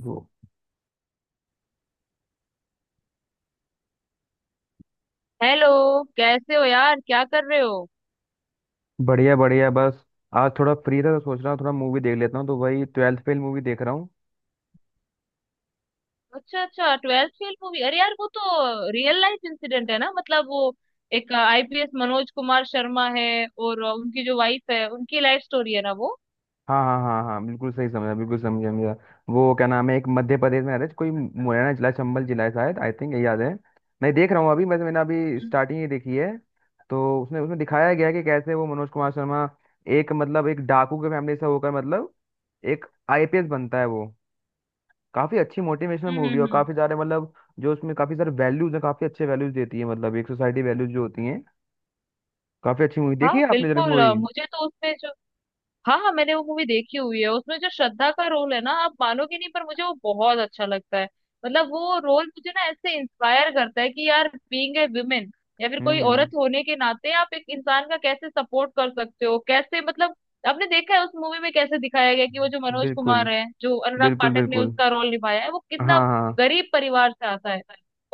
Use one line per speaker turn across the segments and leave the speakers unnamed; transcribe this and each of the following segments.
वो
हेलो। कैसे हो यार, क्या कर रहे हो?
बढ़िया बढ़िया बस, आज थोड़ा फ्री था तो सोच रहा हूँ थोड़ा मूवी देख लेता हूँ, तो वही ट्वेल्थ फेल मूवी देख रहा हूँ।
अच्छा अच्छा, ट्वेल्थ फेल मूवी। अरे यार, वो तो रियल लाइफ इंसिडेंट है ना। मतलब वो एक आईपीएस मनोज कुमार शर्मा है। और उनकी जो वाइफ है उनकी लाइफ स्टोरी है ना वो।
हाँ हाँ हाँ हाँ, बिल्कुल सही समझा, बिल्कुल समझा समझा। वो क्या नाम है, एक मध्य प्रदेश में आ रहा है, कोई मुरैना जिला चंबल जिला है शायद, आई थिंक यही याद है। मैं देख रहा हूँ अभी, बस मैंने अभी
हम्म
स्टार्टिंग ही देखी है। तो उसमें उसमें दिखाया गया है कि कैसे वो मनोज कुमार शर्मा, एक मतलब एक डाकू के फैमिली से होकर मतलब एक आईपीएस बनता है वो। काफी अच्छी मोटिवेशनल
हम्म
मूवी है,
हम्म,
और
हम्म।
काफी सारे मतलब जो उसमें काफी सारे वैल्यूज है, काफी अच्छे वैल्यूज देती है, मतलब एक सोसाइटी वैल्यूज जो होती हैं। काफी अच्छी मूवी देखी
हाँ
है आपने, जरा
बिल्कुल।
मूवी।
मुझे तो उसमें जो। हाँ हाँ, मैंने वो मूवी देखी हुई है, उसमें जो श्रद्धा का रोल है ना, आप मानोगे नहीं पर मुझे वो बहुत अच्छा लगता है। मतलब वो रोल मुझे ना ऐसे इंस्पायर करता है कि यार बीइंग ए वुमेन, या फिर कोई औरत
हम्म।
होने के नाते आप एक इंसान का कैसे सपोर्ट कर सकते हो, कैसे मतलब। आपने देखा है उस मूवी में कैसे दिखाया गया कि वो जो मनोज
बिल्कुल
कुमार है जो अनुराग
बिल्कुल
पाठक ने
बिल्कुल।
उसका रोल निभाया है वो
हाँ
कितना
हाँ।
गरीब परिवार से आता है।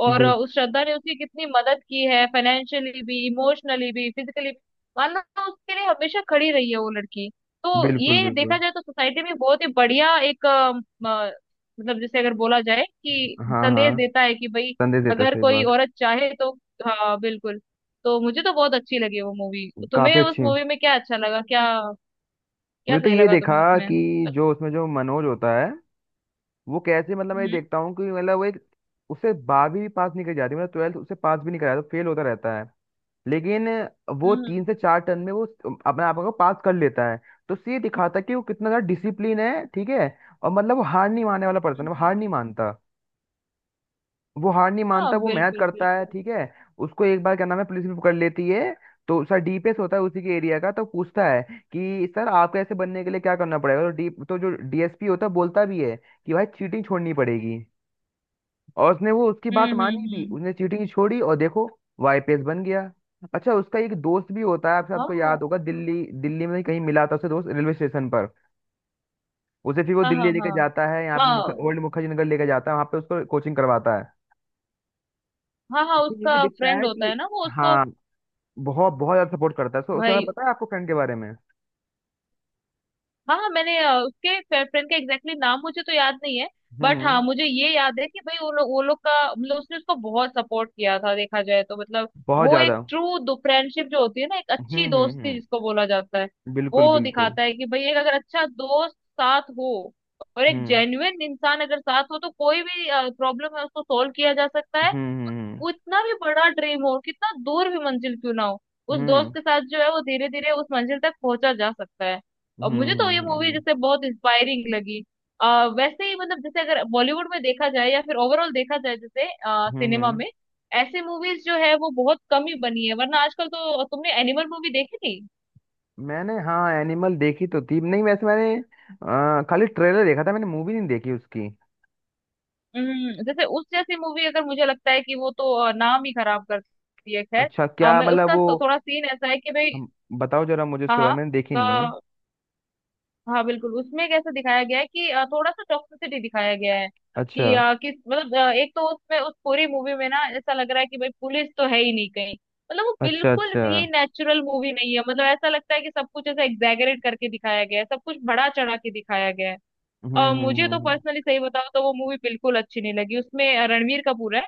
और
बिल,
उस श्रद्धा ने उसकी कितनी मदद की है, फाइनेंशियली भी, इमोशनली भी, फिजिकली भी। मान लो उसके लिए हमेशा खड़ी रही है वो लड़की। तो
बिल्कुल
ये देखा
बिल्कुल।
जाए तो सोसाइटी में बहुत ही बढ़िया एक मतलब जैसे अगर बोला जाए कि
हाँ
संदेश
हाँ।
देता है कि भाई
संदेश देता है,
अगर
सही
कोई
बात।
औरत चाहे तो। हाँ बिल्कुल। तो मुझे तो बहुत अच्छी लगी वो मूवी। तुम्हें
काफी
उस
अच्छी है।
मूवी में क्या अच्छा लगा, क्या क्या
मैं तो
सही
ये
लगा
देखा
तुम्हें उसमें?
कि जो उसमें जो मनोज होता है वो कैसे, मतलब मैं ये
हम्म
देखता हूँ कि मतलब वो एक, उससे 12वीं भी पास नहीं कर जाती, मतलब ट्वेल्थ उससे पास भी नहीं कराया तो फेल होता रहता है। लेकिन वो तीन
हम्म
से चार टर्न में वो अपने आप को पास कर लेता है। तो उससे ये दिखाता है कि वो कितना ज्यादा डिसिप्लिन है, ठीक है। और मतलब वो हार नहीं मानने वाला पर्सन
हम्म,
है, वो
हम्म।
हार नहीं मानता, वो हार नहीं
हाँ
मानता, वो मेहनत
बिल्कुल
करता है,
बिल्कुल।
ठीक है। उसको एक बार क्या नाम है पुलिस भी पकड़ लेती है, तो सर डीपीएस होता है उसी के एरिया का, तो पूछता है कि सर आपको ऐसे बनने के लिए क्या करना पड़ेगा, तो डी तो जो डीएसपी होता है बोलता भी है कि भाई चीटिंग छोड़नी पड़ेगी। और उसने वो उसकी बात
हम्म
मानी भी,
हम्म
उसने चीटिंग छोड़ी और देखो वो आईपीएस बन गया। अच्छा उसका एक दोस्त भी होता है, आप सबको
हम्म।
याद होगा, दिल्ली दिल्ली में कहीं मिला था उसे दोस्त रेलवे स्टेशन पर। उसे फिर वो
हाँ
दिल्ली
हाँ हाँ
लेके जाता है, यहाँ
हाँ
पे
हाँ,
ओल्ड मुखर्जी नगर लेके जाता है, वहाँ पे उसको कोचिंग करवाता है।
हाँ हाँ हाँ,
ये भी
उसका
दिखता
फ्रेंड
है
होता है
कि
ना वो उसको।
हाँ बहुत बहुत ज्यादा सपोर्ट करता है, सो उस समय
भाई
पता है आपको फ्रेंड के बारे में।
हाँ, मैंने उसके फ्रेंड का एग्जैक्टली नाम मुझे तो याद नहीं है। बट हाँ,
हम्म।
मुझे ये याद है कि भाई वो लोग का मतलब उसने उसको बहुत सपोर्ट किया था, देखा जाए तो। मतलब
बहुत
वो एक
ज्यादा।
ट्रू फ्रेंडशिप जो होती है ना, एक अच्छी दोस्ती
हम्म।
जिसको बोला जाता है,
बिल्कुल
वो
बिल्कुल।
दिखाता है कि भाई एक अगर अच्छा दोस्त साथ हो और एक
हम्म
जेन्युइन इंसान अगर साथ हो तो कोई भी प्रॉब्लम है उसको सोल्व किया जा सकता है।
हम्म
वो इतना भी बड़ा ड्रीम हो, कितना दूर भी मंजिल क्यों ना हो, उस दोस्त
हम्म
के साथ जो है वो धीरे धीरे उस मंजिल तक पहुंचा जा सकता है।
हम्म
और मुझे
हम्म
तो ये
हम्म हम्म
मूवी
हम्म,
जैसे बहुत इंस्पायरिंग लगी। वैसे ही मतलब जैसे अगर बॉलीवुड में देखा जाए या फिर ओवरऑल देखा जाए जैसे
हम्म,
सिनेमा
हम्म।
में, ऐसी मूवीज जो है वो बहुत कम ही बनी है। वरना आजकल तो तुमने एनिमल मूवी देखी थी।
मैंने हाँ एनिमल देखी तो थी नहीं, वैसे मैंने खाली ट्रेलर देखा था, मैंने मूवी नहीं देखी उसकी।
जैसे उस जैसी मूवी, अगर मुझे लगता है कि वो तो नाम ही खराब करती है, खैर।
अच्छा क्या
मैं
मतलब
उसका
वो।
थोड़ा सीन ऐसा है कि भाई।
हम। बताओ जरा मुझे
हाँ
उसके बारे में, मैंने देखी नहीं है।
हाँ हाँ बिल्कुल, उसमें कैसे दिखाया गया है कि थोड़ा सा टॉक्सिसिटी दिखाया गया है
अच्छा
कि किस मतलब एक तो उसमें उस पूरी मूवी में ना ऐसा लग रहा है कि भाई पुलिस तो है ही नहीं कहीं। मतलब वो
अच्छा।
बिल्कुल
अच्छा।
भी नेचुरल मूवी नहीं है। मतलब ऐसा लगता है कि सब कुछ ऐसा एग्जैगरेट करके दिखाया गया है, सब कुछ बड़ा चढ़ा के दिखाया गया है।
हम्म हम्म हम्म
मुझे तो
हम्म।
पर्सनली सही बताओ तो वो मूवी बिल्कुल अच्छी नहीं लगी। उसमें रणवीर कपूर है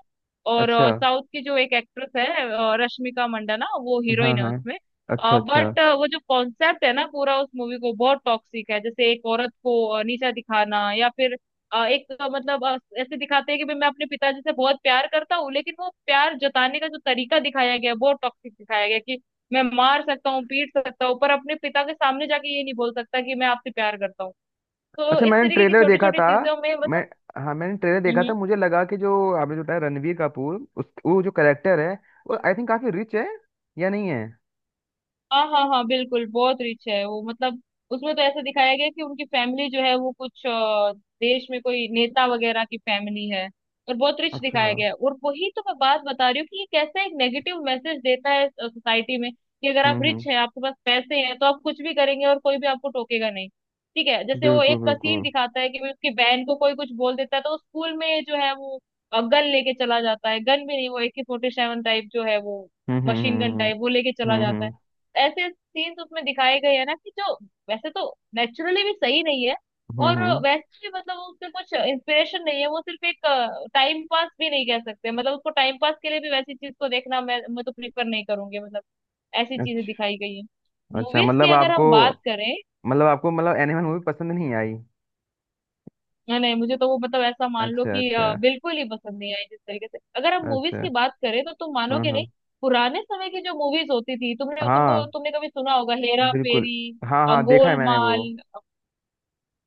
और
अच्छा।
साउथ की जो एक एक्ट्रेस है, रश्मिका मंदाना, वो
हाँ
हीरोइन है
हाँ।
उसमें।
अच्छा अच्छा।
बट वो जो कॉन्सेप्ट है ना पूरा, उस मूवी को बहुत टॉक्सिक है, जैसे एक औरत को नीचा दिखाना, या फिर एक मतलब ऐसे दिखाते हैं कि भाई मैं अपने पिताजी से बहुत प्यार करता हूँ, लेकिन वो प्यार जताने का जो तरीका दिखाया गया है, बहुत टॉक्सिक दिखाया गया है कि मैं मार सकता हूँ पीट सकता हूँ, पर अपने पिता के सामने जाके ये नहीं बोल सकता कि मैं आपसे प्यार करता हूँ। तो
अच्छा
इस
मैंने
तरीके की
ट्रेलर
छोटी
देखा
छोटी
था
चीजों में,
मैं,
मतलब।
हाँ मैंने ट्रेलर देखा
हम्म।
था, मुझे लगा कि जो आपने जो बताया रणवीर कपूर उस वो जो करेक्टर है, वो आई थिंक काफी रिच है या नहीं है।
हाँ हाँ हाँ बिल्कुल, बहुत रिच है वो। मतलब उसमें तो ऐसा दिखाया गया है कि उनकी फैमिली जो है वो कुछ देश में कोई नेता वगैरह की फैमिली है। और बहुत रिच
अच्छा।
दिखाया गया है। और वही तो मैं बात बता रही हूँ कि ये कैसा एक नेगेटिव मैसेज देता है सोसाइटी में कि अगर आप रिच
हम्म।
हैं आपके पास पैसे हैं तो आप कुछ भी करेंगे और कोई भी आपको टोकेगा नहीं। ठीक है, जैसे वो
बिल्कुल
एक सीन
बिल्कुल।
दिखाता है कि भाई उसकी बहन को कोई कुछ बोल देता है तो वो स्कूल में जो है वो गन लेके चला जाता है, गन भी नहीं वो AK-47 टाइप जो है वो
हम्म हम्म
मशीन गन
हम्म
टाइप वो लेके चला
हम्म
जाता है।
हम्म
ऐसे सीन्स उसमें दिखाए गए हैं ना, कि जो वैसे तो नेचुरली भी सही नहीं है, और
हम्म।
वैसे भी मतलब उससे कुछ इंस्पिरेशन नहीं है। वो सिर्फ एक टाइम पास भी नहीं कह सकते, मतलब उसको टाइम पास के लिए भी वैसी चीज को देखना मैं तो प्रीफर नहीं करूंगी। मतलब ऐसी चीजें दिखाई
अच्छा
गई हैं।
अच्छा
मूवीज की
मतलब
अगर हम
आपको,
बात करें।
मतलब आपको मतलब एनिमल मूवी पसंद नहीं आई।
हाँ, नहीं मुझे तो वो मतलब ऐसा मान लो
अच्छा
कि
अच्छा।
बिल्कुल ही पसंद नहीं आई। जिस तरीके से अगर हम मूवीज की
अच्छा।
बात करें तो तुम
हाँ
मानोगे नहीं,
हाँ।
पुराने समय की जो मूवीज होती थी,
हाँ
तुमने कभी सुना होगा, हेरा
बिल्कुल।
फेरी,
हाँ हाँ देखा है मैंने वो।
गोलमाल।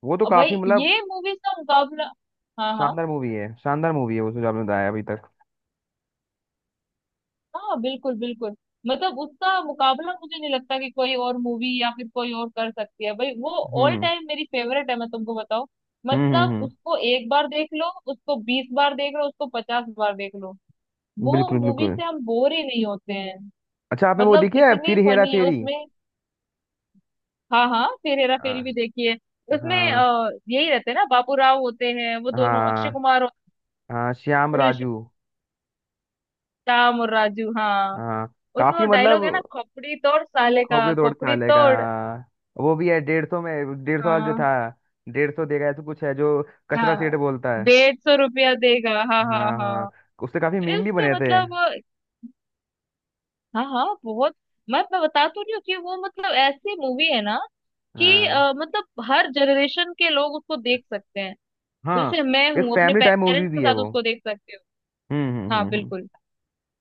वो तो
और भाई
काफी मतलब
ये मूवीज का मुकाबला। हाँ हाँ
शानदार मूवी है, शानदार मूवी है वो जो आपने बताया अभी तक।
हाँ बिल्कुल बिल्कुल। मतलब उसका मुकाबला मुझे नहीं लगता कि कोई और मूवी या फिर कोई और कर सकती है। भाई वो ऑल
हम्म
टाइम मेरी फेवरेट है, मैं तुमको बताऊं।
हम्म हम्म
मतलब
हम्म,
उसको एक बार देख लो, उसको 20 बार देख लो, उसको 50 बार देख लो, वो
बिल्कुल
मूवी
बिल्कुल।
से हम बोर ही नहीं होते हैं।
अच्छा आपने वो
मतलब
देखी है
इतनी
फिर हेरा
फनी है
फेरी।
उसमें। हाँ हाँ, फिर हेरा फेरी
आ,
भी देखी है। उसमें
हाँ
यही रहते हैं ना, बाबू राव होते हैं वो दोनों, अक्षय
हाँ
कुमार और
हाँ, श्याम राजू
राम और राजू, हाँ।
हाँ।
उसमें वो
काफी
डायलॉग है ना,
मतलब
खोपड़ी तोड़ साले का,
खोपड़ी तोड़ के
खोपड़ी
डालेगा।
तोड़।
वो भी है 150 में 150 वाला जो
हाँ
था। 150 देगा ऐसा कुछ है जो, कचरा
हाँ,
सेठ बोलता है।
150 रुपया देगा, हाँ हाँ
हाँ हाँ।
हाँ।
उससे काफी
अरे
मीम भी
उसके
बने थे।
मतलब। हाँ हाँ बहुत। मैं बता तो रही हूँ कि वो मतलब ऐसी मूवी है ना कि
हाँ
मतलब हर जनरेशन के लोग उसको देख सकते हैं। तो
हाँ।
जैसे मैं
एक
हूँ अपने
फैमिली टाइम मूवी
पेरेंट्स के
भी है
साथ
वो।
उसको देख सकते
हम्म
हो।
हम्म
हाँ
हम्म हम्म।
बिल्कुल।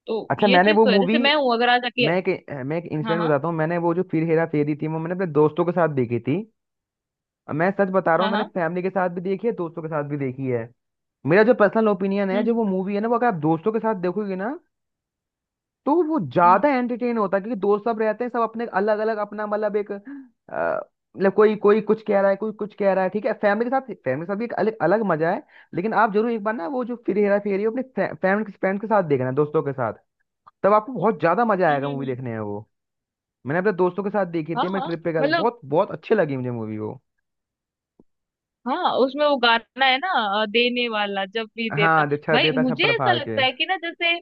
तो
अच्छा
ये
मैंने
चीज
वो
तो है,
मूवी,
जैसे मैं हूँ अगर आज
मैं एक
अकेले।
मैं एक
हाँ
इंसिडेंट
हाँ
बताता हूँ, मैंने वो जो फिर हेरा फेरी थी वो मैंने अपने दोस्तों के साथ देखी थी। मैं सच बता रहा
हाँ
हूँ, मैंने
हाँ।
फैमिली के साथ भी देखी है दोस्तों के साथ भी देखी है। मेरा जो पर्सनल ओपिनियन है, जो
हम्म
वो मूवी है ना वो अगर आप दोस्तों के साथ देखोगे ना, तो वो
हम्म
ज्यादा एंटरटेन होता है, क्योंकि दोस्त सब रहते हैं सब अपने अलग अलग अपना मतलब मतलब कोई कोई कुछ कह रहा है कोई कुछ कह रहा है, ठीक है। फैमिली के साथ, फैमिली के साथ भी एक अलग अलग मजा है। लेकिन आप जरूर एक बार ना वो जो फिर हेरा फेरी है, अपने फैमिली फ्रेंड्स के साथ देखना, दोस्तों के साथ, तब आपको बहुत ज्यादा मजा आएगा मूवी
हम्म।
देखने में वो। मैंने अपने दोस्तों के साथ देखी
हाँ
थी, मैं
हाँ
ट्रिप पे गया था।
मतलब,
बहुत बहुत अच्छी लगी मुझे मूवी वो।
हाँ उसमें वो गाना है ना, देने वाला जब भी देता।
हाँ अच्छा,
भाई
देता
मुझे
छप्पड़
ऐसा
फाड़ के।
लगता है कि ना जैसे।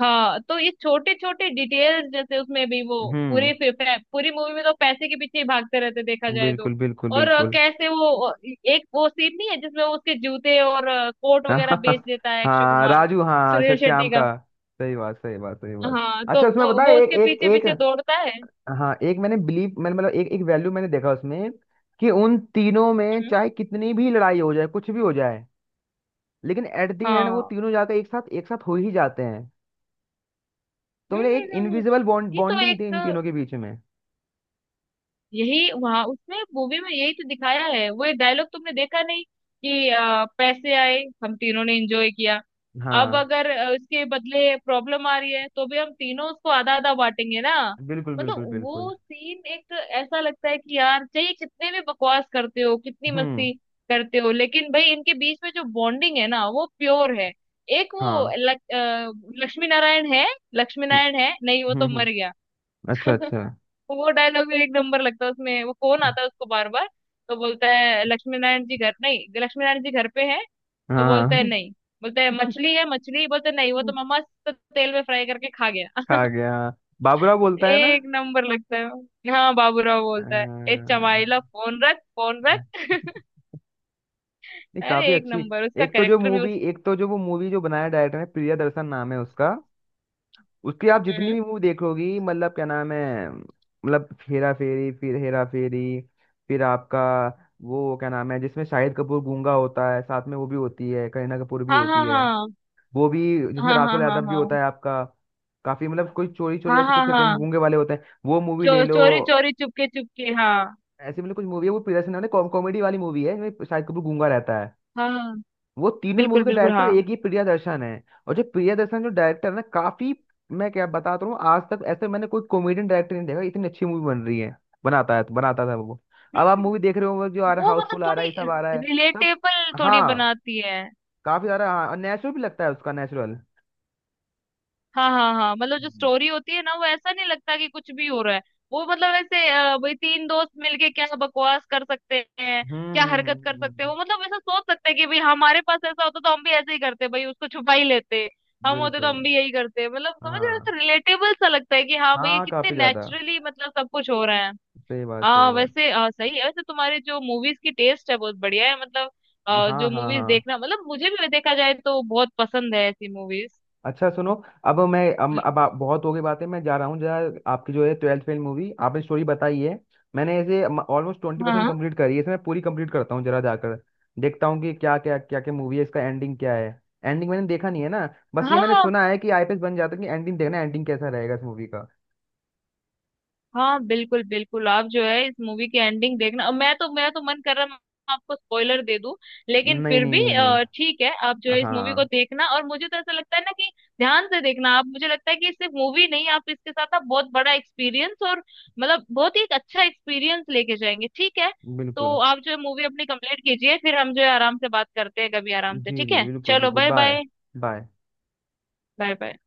हाँ, तो ये छोटे छोटे डिटेल्स, जैसे उसमें भी वो
हम्म।
पूरे पूरी मूवी में तो पैसे के पीछे ही भागते रहते, देखा जाए तो।
बिल्कुल बिल्कुल
और
बिल्कुल।
कैसे वो एक वो सीन नहीं है जिसमें वो उसके जूते और कोट
हाँ।
वगैरह बेच देता है, अक्षय
हाँ
कुमार,
राजू हाँ, अच्छा
सुनील शेट्टी
श्याम
का।
का। सही बात सही बात सही बात।
हाँ, तो
अच्छा उसमें
तो
पता है
वो
एक
उसके
एक
पीछे
एक
पीछे दौड़ता है।
हाँ एक मैंने बिलीव, मैंने मतलब एक एक वैल्यू मैंने देखा उसमें कि उन तीनों में
हम्म,
चाहे कितनी भी लड़ाई हो जाए कुछ भी हो जाए, लेकिन एट द एंड वो
हाँ।
तीनों जाकर एक साथ हो ही जाते हैं। तो
हम्म
मेरे एक
हम्म हम्म, हम्म।
इनविजिबल बॉन्ड
ये तो
बॉन्डिंग
एक,
थी इन तीनों के बीच में।
यही वहां उसमें मूवी में यही तो दिखाया है, वो एक डायलॉग तुमने देखा नहीं कि पैसे आए हम तीनों ने एंजॉय किया, अब
हाँ
अगर उसके बदले प्रॉब्लम आ रही है तो भी हम तीनों उसको आधा आधा बांटेंगे ना।
बिल्कुल
मतलब
बिल्कुल बिल्कुल।
वो सीन एक, ऐसा लगता है कि यार चाहिए, कितने भी बकवास करते हो, कितनी
हम्म।
मस्ती करते हो, लेकिन भाई इनके बीच में जो बॉन्डिंग है ना वो प्योर है। एक वो
हाँ।
लक्ष्मी नारायण है। लक्ष्मी
हम्म
नारायण है नहीं, वो तो
हम्म
मर
हम्म,
गया।
अच्छा अच्छा।
तो वो डायलॉग भी एक नंबर लगता है उसमें, वो फोन आता है उसको बार बार, तो बोलता है लक्ष्मी नारायण जी घर नहीं? लक्ष्मी नारायण जी घर पे है? तो बोलता है
हाँ।
नहीं, बोलता है मछली है मछली, बोलते है, नहीं वो तो मम्मा मस्त तेल में फ्राई करके खा
खा
गया।
गया, बाबूराव बोलता है ना।
एक नंबर लगता है। हाँ बाबूराव बोलता है, ए चमाइला,
नहीं।
फोन रख फोन रख। अरे
काफी
एक
अच्छी,
नंबर, उसका
एक तो जो
कैरेक्टर भी उस।
मूवी एक तो जो वो मूवी जो बनाया, डायरेक्टर है प्रियदर्शन, नाम है उसका। उसकी आप जितनी
हम्म।
भी मूवी देखोगी, मतलब क्या नाम है, मतलब हेरा फेरी, फिर हेरा फेरी, फिर आपका वो क्या नाम है जिसमें शाहिद कपूर गूंगा होता है, साथ में वो भी होती है, करीना कपूर भी
हाँ हाँ
होती है
हाँ
वो भी, जिसमें
हाँ हाँ
राजपाल
हाँ
यादव भी होता है आपका। काफी मतलब कोई चोरी चोरी
हाँ
ऐसे
हाँ
कुछ
हाँ
करके
हाँ।
गूंगे वाले होते हैं, वो मूवी ले लो।
चोरी चोरी चुपके चुपके, हाँ।
ऐसी मतलब कुछ मूवी है, वो प्रियदर्शन है, कॉमेडी वाली मूवी है, इसमें शाहिद कपूर गूंगा रहता है।
हाँ हाँ,
वो तीनों ही
बिल्कुल
मूवी का
बिल्कुल,
डायरेक्टर
हाँ।
एक ही प्रियदर्शन है। और जो प्रियदर्शन जो डायरेक्टर है ना काफी, मैं क्या बताता हूँ, आज तक ऐसे मैंने कोई कॉमेडियन डायरेक्टर नहीं देखा, इतनी अच्छी मूवी बन रही है, बनाता है बनाता था वो। अब आप मूवी
हम्म।
देख रहे हो जो आ रहा है,
वो मतलब
हाउसफुल आ रहा है, ये
थोड़ी
सब आ रहा है सब।
रिलेटेबल थोड़ी
हाँ
बनाती है।
काफी सारा, हाँ नेचुरल भी लगता है उसका नेचुरल।
हाँ हाँ हाँ, मतलब जो
हम्म
स्टोरी होती है ना, वो ऐसा नहीं लगता कि कुछ भी हो रहा है। वो मतलब ऐसे, वही तीन दोस्त मिलके क्या बकवास कर सकते हैं,
हम्म,
क्या
हम्म,
हरकत कर
हम्म,
सकते हैं,
हम्म,
वो मतलब ऐसा सोच सकते हैं कि भाई हमारे पास ऐसा होता तो हम भी ऐसे ही करते, भाई उसको छुपा ही लेते, हम होते तो
बिल्कुल।
हम भी यही करते, मतलब समझ रहे
हाँ
हो, रिलेटेबल सा लगता है कि हाँ भाई ये
हाँ
कितने
काफी ज्यादा।
नेचुरली मतलब सब कुछ हो रहा है।
सही बात सही बात।
वैसे सही है। वैसे तुम्हारे जो मूवीज की टेस्ट है बहुत बढ़िया है, मतलब।
हाँ
जो
हाँ
मूवीज
हाँ।
देखना, मतलब मुझे भी देखा जाए तो बहुत पसंद है ऐसी मूवीज।
अच्छा सुनो, अब आप बहुत हो गई बातें, मैं जा रहा हूँ जरा, आपकी जो है ट्वेल्थ फेल मूवी आपने स्टोरी बताई है, मैंने इसे ऑलमोस्ट 20%
हाँ
कम्प्लीट करी है, इसे मैं पूरी कंप्लीट करता हूँ जरा जाकर, देखता हूँ कि क्या क्या क्या क्या मूवी है इसका एंडिंग क्या है। एंडिंग मैंने देखा नहीं है ना, बस ये मैंने
हाँ
सुना है कि आईपीएस बन जाता है, कि एंडिंग देखना एंडिंग कैसा रहेगा इस मूवी का।
हाँ बिल्कुल बिल्कुल। आप जो है इस मूवी की एंडिंग देखना, और मैं तो, मेरा तो मन कर रहा है मैं आपको स्पॉइलर दे दूं, लेकिन
नहीं
फिर
नहीं
भी
नहीं नहीं।
ठीक है, आप जो है इस मूवी को
हाँ
देखना। और मुझे तो ऐसा लगता है ना कि ध्यान से देखना आप, मुझे लगता है कि सिर्फ मूवी नहीं, आप इसके साथ आप बहुत बड़ा एक्सपीरियंस और मतलब बहुत ही एक अच्छा एक्सपीरियंस लेके जाएंगे, ठीक है। तो
बिल्कुल।
आप जो है मूवी अपनी कंप्लीट कीजिए, फिर हम जो है आराम से बात करते हैं कभी, आराम से,
जी
ठीक
जी
है,
बिल्कुल
चलो,
बिल्कुल
bye
bye.
Bye,
bye.
Bye bye.